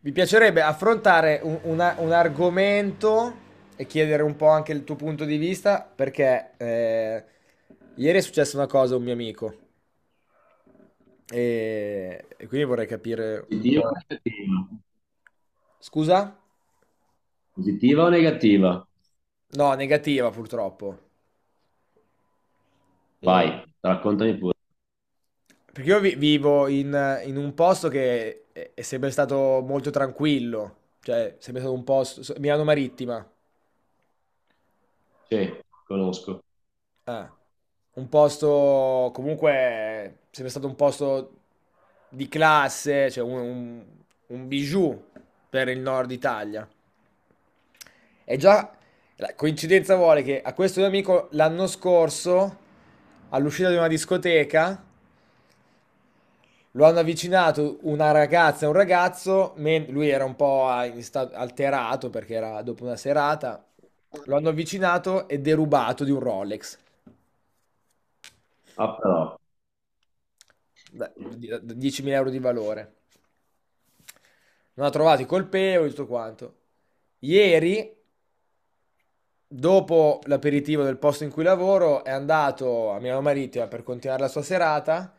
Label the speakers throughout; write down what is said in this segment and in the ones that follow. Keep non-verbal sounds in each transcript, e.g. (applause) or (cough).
Speaker 1: Mi piacerebbe affrontare un argomento e chiedere un po' anche il tuo punto di vista, perché ieri è successa una cosa a un mio amico e quindi vorrei capire un
Speaker 2: Positiva o
Speaker 1: po'.
Speaker 2: negativa?
Speaker 1: Scusa?
Speaker 2: Positiva o negativa?
Speaker 1: No, negativa purtroppo. E-
Speaker 2: Vai, raccontami pure.
Speaker 1: Perché io vivo in un posto che è sempre stato molto tranquillo, cioè sempre stato un posto, Milano Marittima.
Speaker 2: Sì, conosco.
Speaker 1: Eh, un posto comunque sempre stato un posto di classe, cioè un bijou per il nord Italia. E già la coincidenza vuole che a questo mio amico l'anno scorso, all'uscita di una discoteca, lo hanno avvicinato una ragazza e un ragazzo, lui era un po' alterato perché era dopo una serata, lo hanno avvicinato e derubato di un Rolex
Speaker 2: Ah, però.
Speaker 1: da 10.000 euro di valore. Non ha trovato i colpevoli, tutto quanto. Ieri, dopo l'aperitivo del posto in cui lavoro, è andato a Milano Marittima per continuare la sua serata.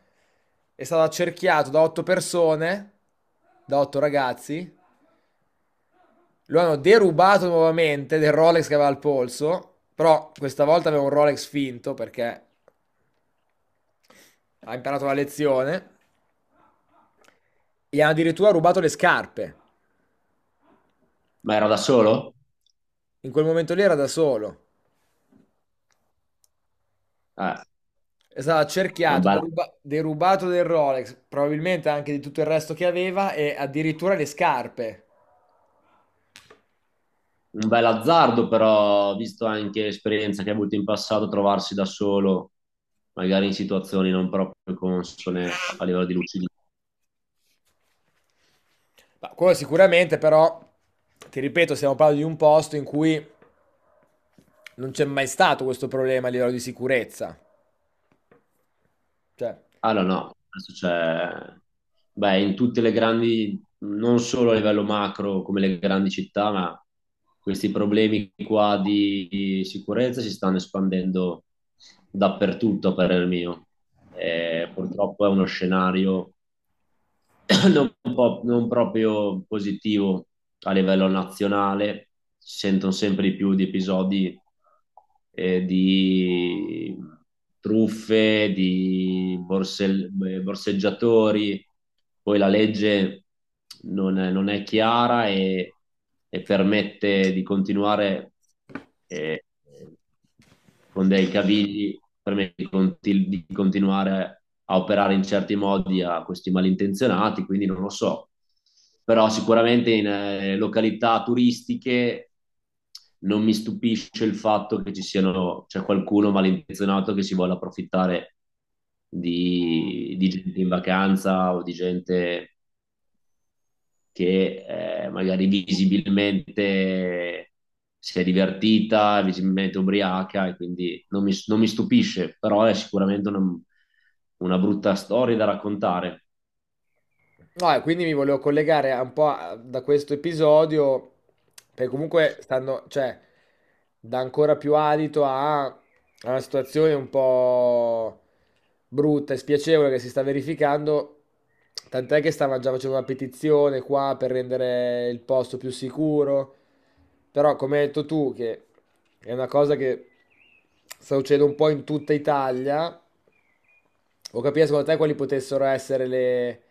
Speaker 1: È stato accerchiato da otto persone, da otto ragazzi. Lo hanno derubato nuovamente del Rolex che aveva al polso, però questa volta aveva un Rolex finto perché ha imparato la lezione. Gli hanno addirittura rubato le scarpe.
Speaker 2: Ma ero da solo?
Speaker 1: In quel momento lì era da solo.
Speaker 2: Eh,
Speaker 1: È stato
Speaker 2: è
Speaker 1: accerchiato, derubato del Rolex, probabilmente anche di tutto il resto che aveva e addirittura le scarpe.
Speaker 2: un bel azzardo, però, visto anche l'esperienza che hai avuto in passato, trovarsi da solo, magari in situazioni non proprio consone a livello di lucidità.
Speaker 1: Ma quello sicuramente, però, ti ripeto, stiamo parlando di un posto in cui non c'è mai stato questo problema a livello di sicurezza. Cioè...
Speaker 2: Allora, no, no, adesso c'è, beh, in tutte le grandi, non solo a livello macro come le grandi città, ma questi problemi qua di sicurezza si stanno espandendo dappertutto, a parer mio. E purtroppo è uno scenario (coughs) non proprio positivo a livello nazionale, si sentono sempre di più di episodi di truffe, di borseggiatori, poi la legge non è, non è chiara e permette di continuare. eh, con dei cavilli per me di di continuare a operare in certi modi a questi malintenzionati, quindi non lo so. Però sicuramente in località turistiche non mi stupisce il fatto che ci siano, c'è qualcuno malintenzionato che si vuole approfittare di gente in vacanza o di gente che magari visibilmente si è divertita, visibilmente ubriaca e quindi non mi, non mi stupisce, però è sicuramente una brutta storia da raccontare.
Speaker 1: No, e quindi mi volevo collegare da questo episodio, perché comunque stanno, cioè, dà ancora più adito a una situazione un po' brutta e spiacevole che si sta verificando, tant'è che stavano già facendo una petizione qua per rendere il posto più sicuro, però come hai detto tu, che è una cosa che sta succedendo un po' in tutta Italia, ho capito secondo te quali potessero essere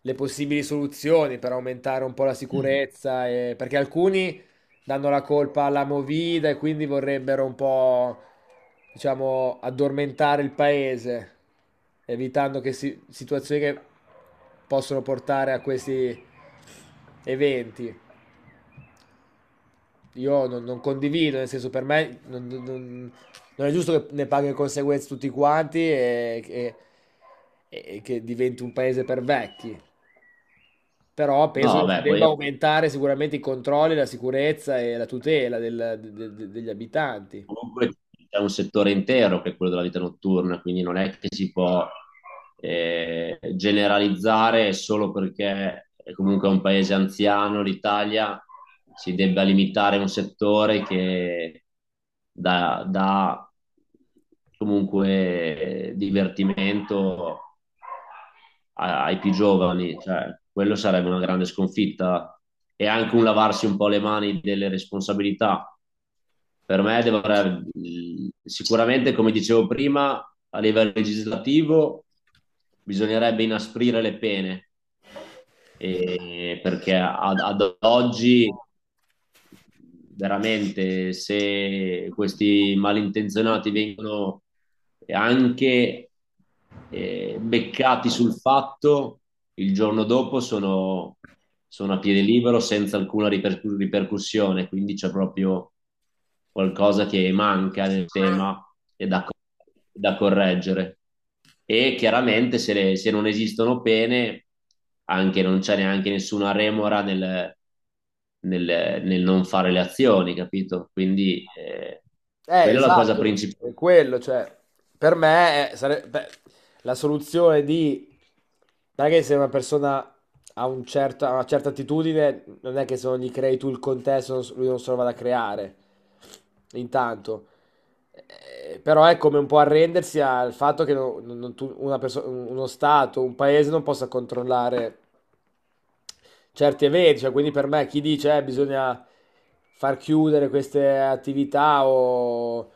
Speaker 1: le possibili soluzioni per aumentare un po' la sicurezza, perché alcuni danno la colpa alla Movida e quindi vorrebbero un po', diciamo, addormentare il paese, evitando situazioni che possono portare a questi eventi. Io non condivido, nel senso per me non è giusto che ne paghi le conseguenze tutti quanti e che diventi un paese per vecchi. Però penso
Speaker 2: No,
Speaker 1: che si
Speaker 2: vabbè,
Speaker 1: debba
Speaker 2: poi
Speaker 1: aumentare sicuramente i controlli, la sicurezza e la tutela degli abitanti.
Speaker 2: comunque c'è un settore intero che è quello della vita notturna, quindi non è che si può generalizzare solo perché è comunque un paese anziano, l'Italia, si debba limitare un settore che dà, dà comunque divertimento a- ai più giovani, cioè, quello sarebbe una grande sconfitta e anche un lavarsi un po' le mani delle responsabilità. Per me dovrebbe, sicuramente, come dicevo prima, a livello legislativo bisognerebbe inasprire le pene, e- perché ad oggi veramente se questi malintenzionati vengono e anche beccati sul fatto, il giorno dopo sono, sono a piede libero senza alcuna ripercussione, quindi c'è proprio qualcosa che manca nel tema e da correggere. E chiaramente se, le- se non esistono pene, anche non c'è neanche nessuna remora nel, nel- nel non fare le azioni, capito? Quindi quella è la cosa
Speaker 1: Esatto,
Speaker 2: principale.
Speaker 1: è quello, cioè, per me beh, la soluzione di... Non è che se una persona ha una certa attitudine, non è che se non gli crei tu il contesto, non s- lui non se lo vada a creare, intanto. Però è come un po' arrendersi al fatto che no- non- non tu- una perso- uno Stato, un paese non possa controllare certi eventi. Cioè, quindi per me chi dice bisogna far chiudere queste attività o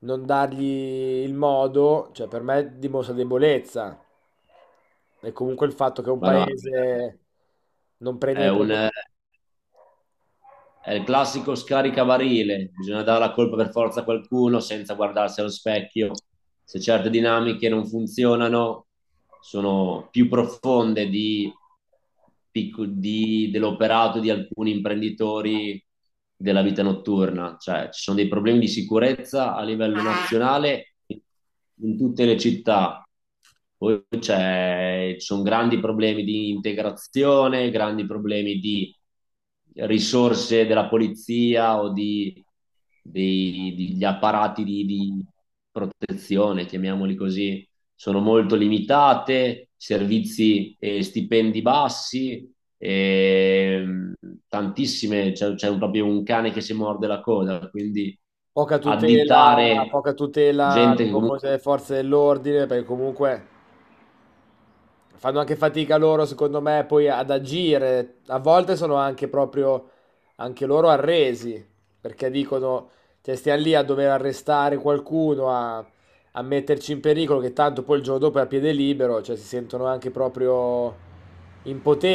Speaker 1: non dargli il modo, cioè per me dimostra debolezza. E comunque il fatto che un
Speaker 2: Ma no,
Speaker 1: paese non prenda
Speaker 2: è,
Speaker 1: dei
Speaker 2: un-
Speaker 1: provvedimenti
Speaker 2: è il classico scaricabarile, bisogna dare la colpa per forza a qualcuno senza guardarsi allo specchio. Se certe dinamiche non funzionano, sono più profonde dell'operato di alcuni imprenditori della vita notturna. Cioè, ci sono dei problemi di sicurezza a livello nazionale in tutte le città. Poi c'è- ci sono grandi problemi di integrazione, grandi problemi di risorse della polizia o degli apparati di protezione, chiamiamoli così sono molto limitate, servizi e stipendi bassi, e tantissime, c'è un- proprio un cane che si morde la coda, quindi
Speaker 1: poca tutela,
Speaker 2: additare
Speaker 1: poca tutela
Speaker 2: gente
Speaker 1: nei
Speaker 2: che comunque
Speaker 1: confronti delle forze dell'ordine, perché comunque fanno anche fatica loro, secondo me, poi ad agire. A volte sono anche proprio anche loro arresi, perché dicono, cioè, stiamo lì a dover arrestare qualcuno, a metterci in pericolo, che tanto poi il giorno dopo è a piede libero, cioè si sentono anche proprio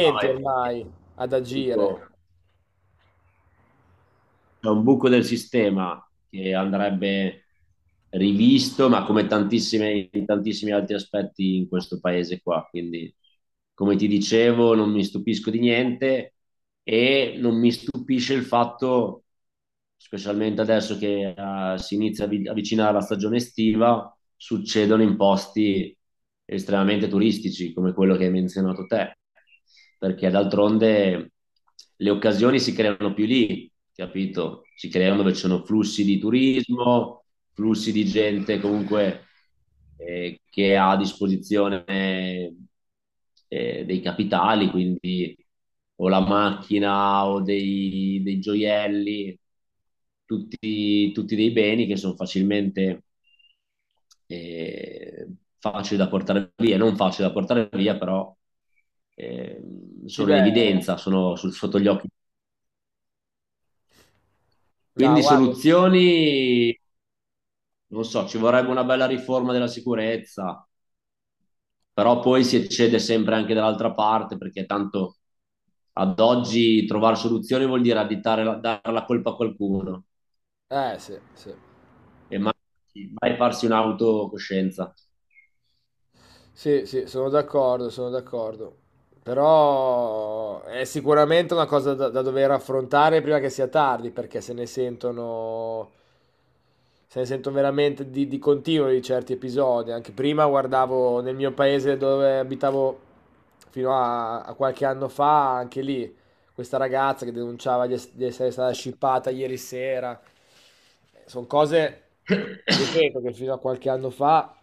Speaker 2: fa è
Speaker 1: ormai ad
Speaker 2: tutto.
Speaker 1: agire.
Speaker 2: C'è un buco del sistema che andrebbe rivisto, ma come tantissime- in tantissimi altri aspetti in questo paese qua. Quindi, come ti dicevo, non mi stupisco di niente e non mi stupisce il fatto, specialmente adesso che si inizia a vi- avvicinare la stagione estiva, succedono in posti estremamente turistici come quello che hai menzionato te perché d'altronde le occasioni si creano più lì, capito? Si
Speaker 1: Cioè...
Speaker 2: creano dove ci sono flussi di turismo, flussi di gente comunque che ha a disposizione dei capitali, quindi o la macchina o dei, dei gioielli, tutti, tutti dei beni che sono facilmente eh, facili da portare via, non facili da portare via, però eh,
Speaker 1: Sì,
Speaker 2: sono in
Speaker 1: beh,
Speaker 2: evidenza, sono su- sotto gli occhi.
Speaker 1: no,
Speaker 2: Quindi
Speaker 1: guarda,
Speaker 2: soluzioni, non so, ci vorrebbe una bella riforma della sicurezza, però poi si eccede sempre anche dall'altra parte, perché tanto ad oggi trovare soluzioni vuol dire additare, la- dare la colpa a qualcuno
Speaker 1: eh sì, sì.
Speaker 2: e mai, mai farsi un'autocoscienza.
Speaker 1: Sì, sì, sono d'accordo, sono d'accordo. Però è sicuramente una cosa da dover affrontare prima che sia tardi, perché se ne sentono, se ne sentono veramente di continuo di certi episodi. Anche prima guardavo nel mio paese dove abitavo a qualche anno fa, anche lì, questa ragazza che denunciava di essere stata scippata ieri sera. Sono cose,
Speaker 2: (coughs) (laughs)
Speaker 1: ripeto, che fino a qualche anno fa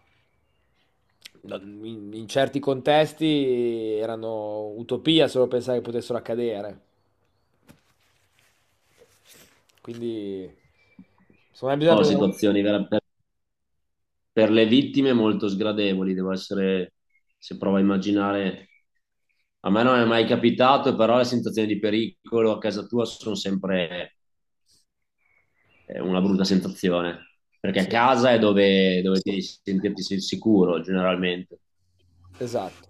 Speaker 1: No, in certi contesti erano utopia solo pensare che potessero accadere. Quindi, secondo me bisogna
Speaker 2: No,
Speaker 1: prendere...
Speaker 2: situazioni vera- per le vittime molto sgradevoli, devo essere, se provo a immaginare, a me non è mai capitato, però le sensazioni di pericolo a casa tua sono sempre una brutta sensazione, perché a
Speaker 1: Sì,
Speaker 2: casa è dove, dove devi sentirti sicuro generalmente.
Speaker 1: esatto.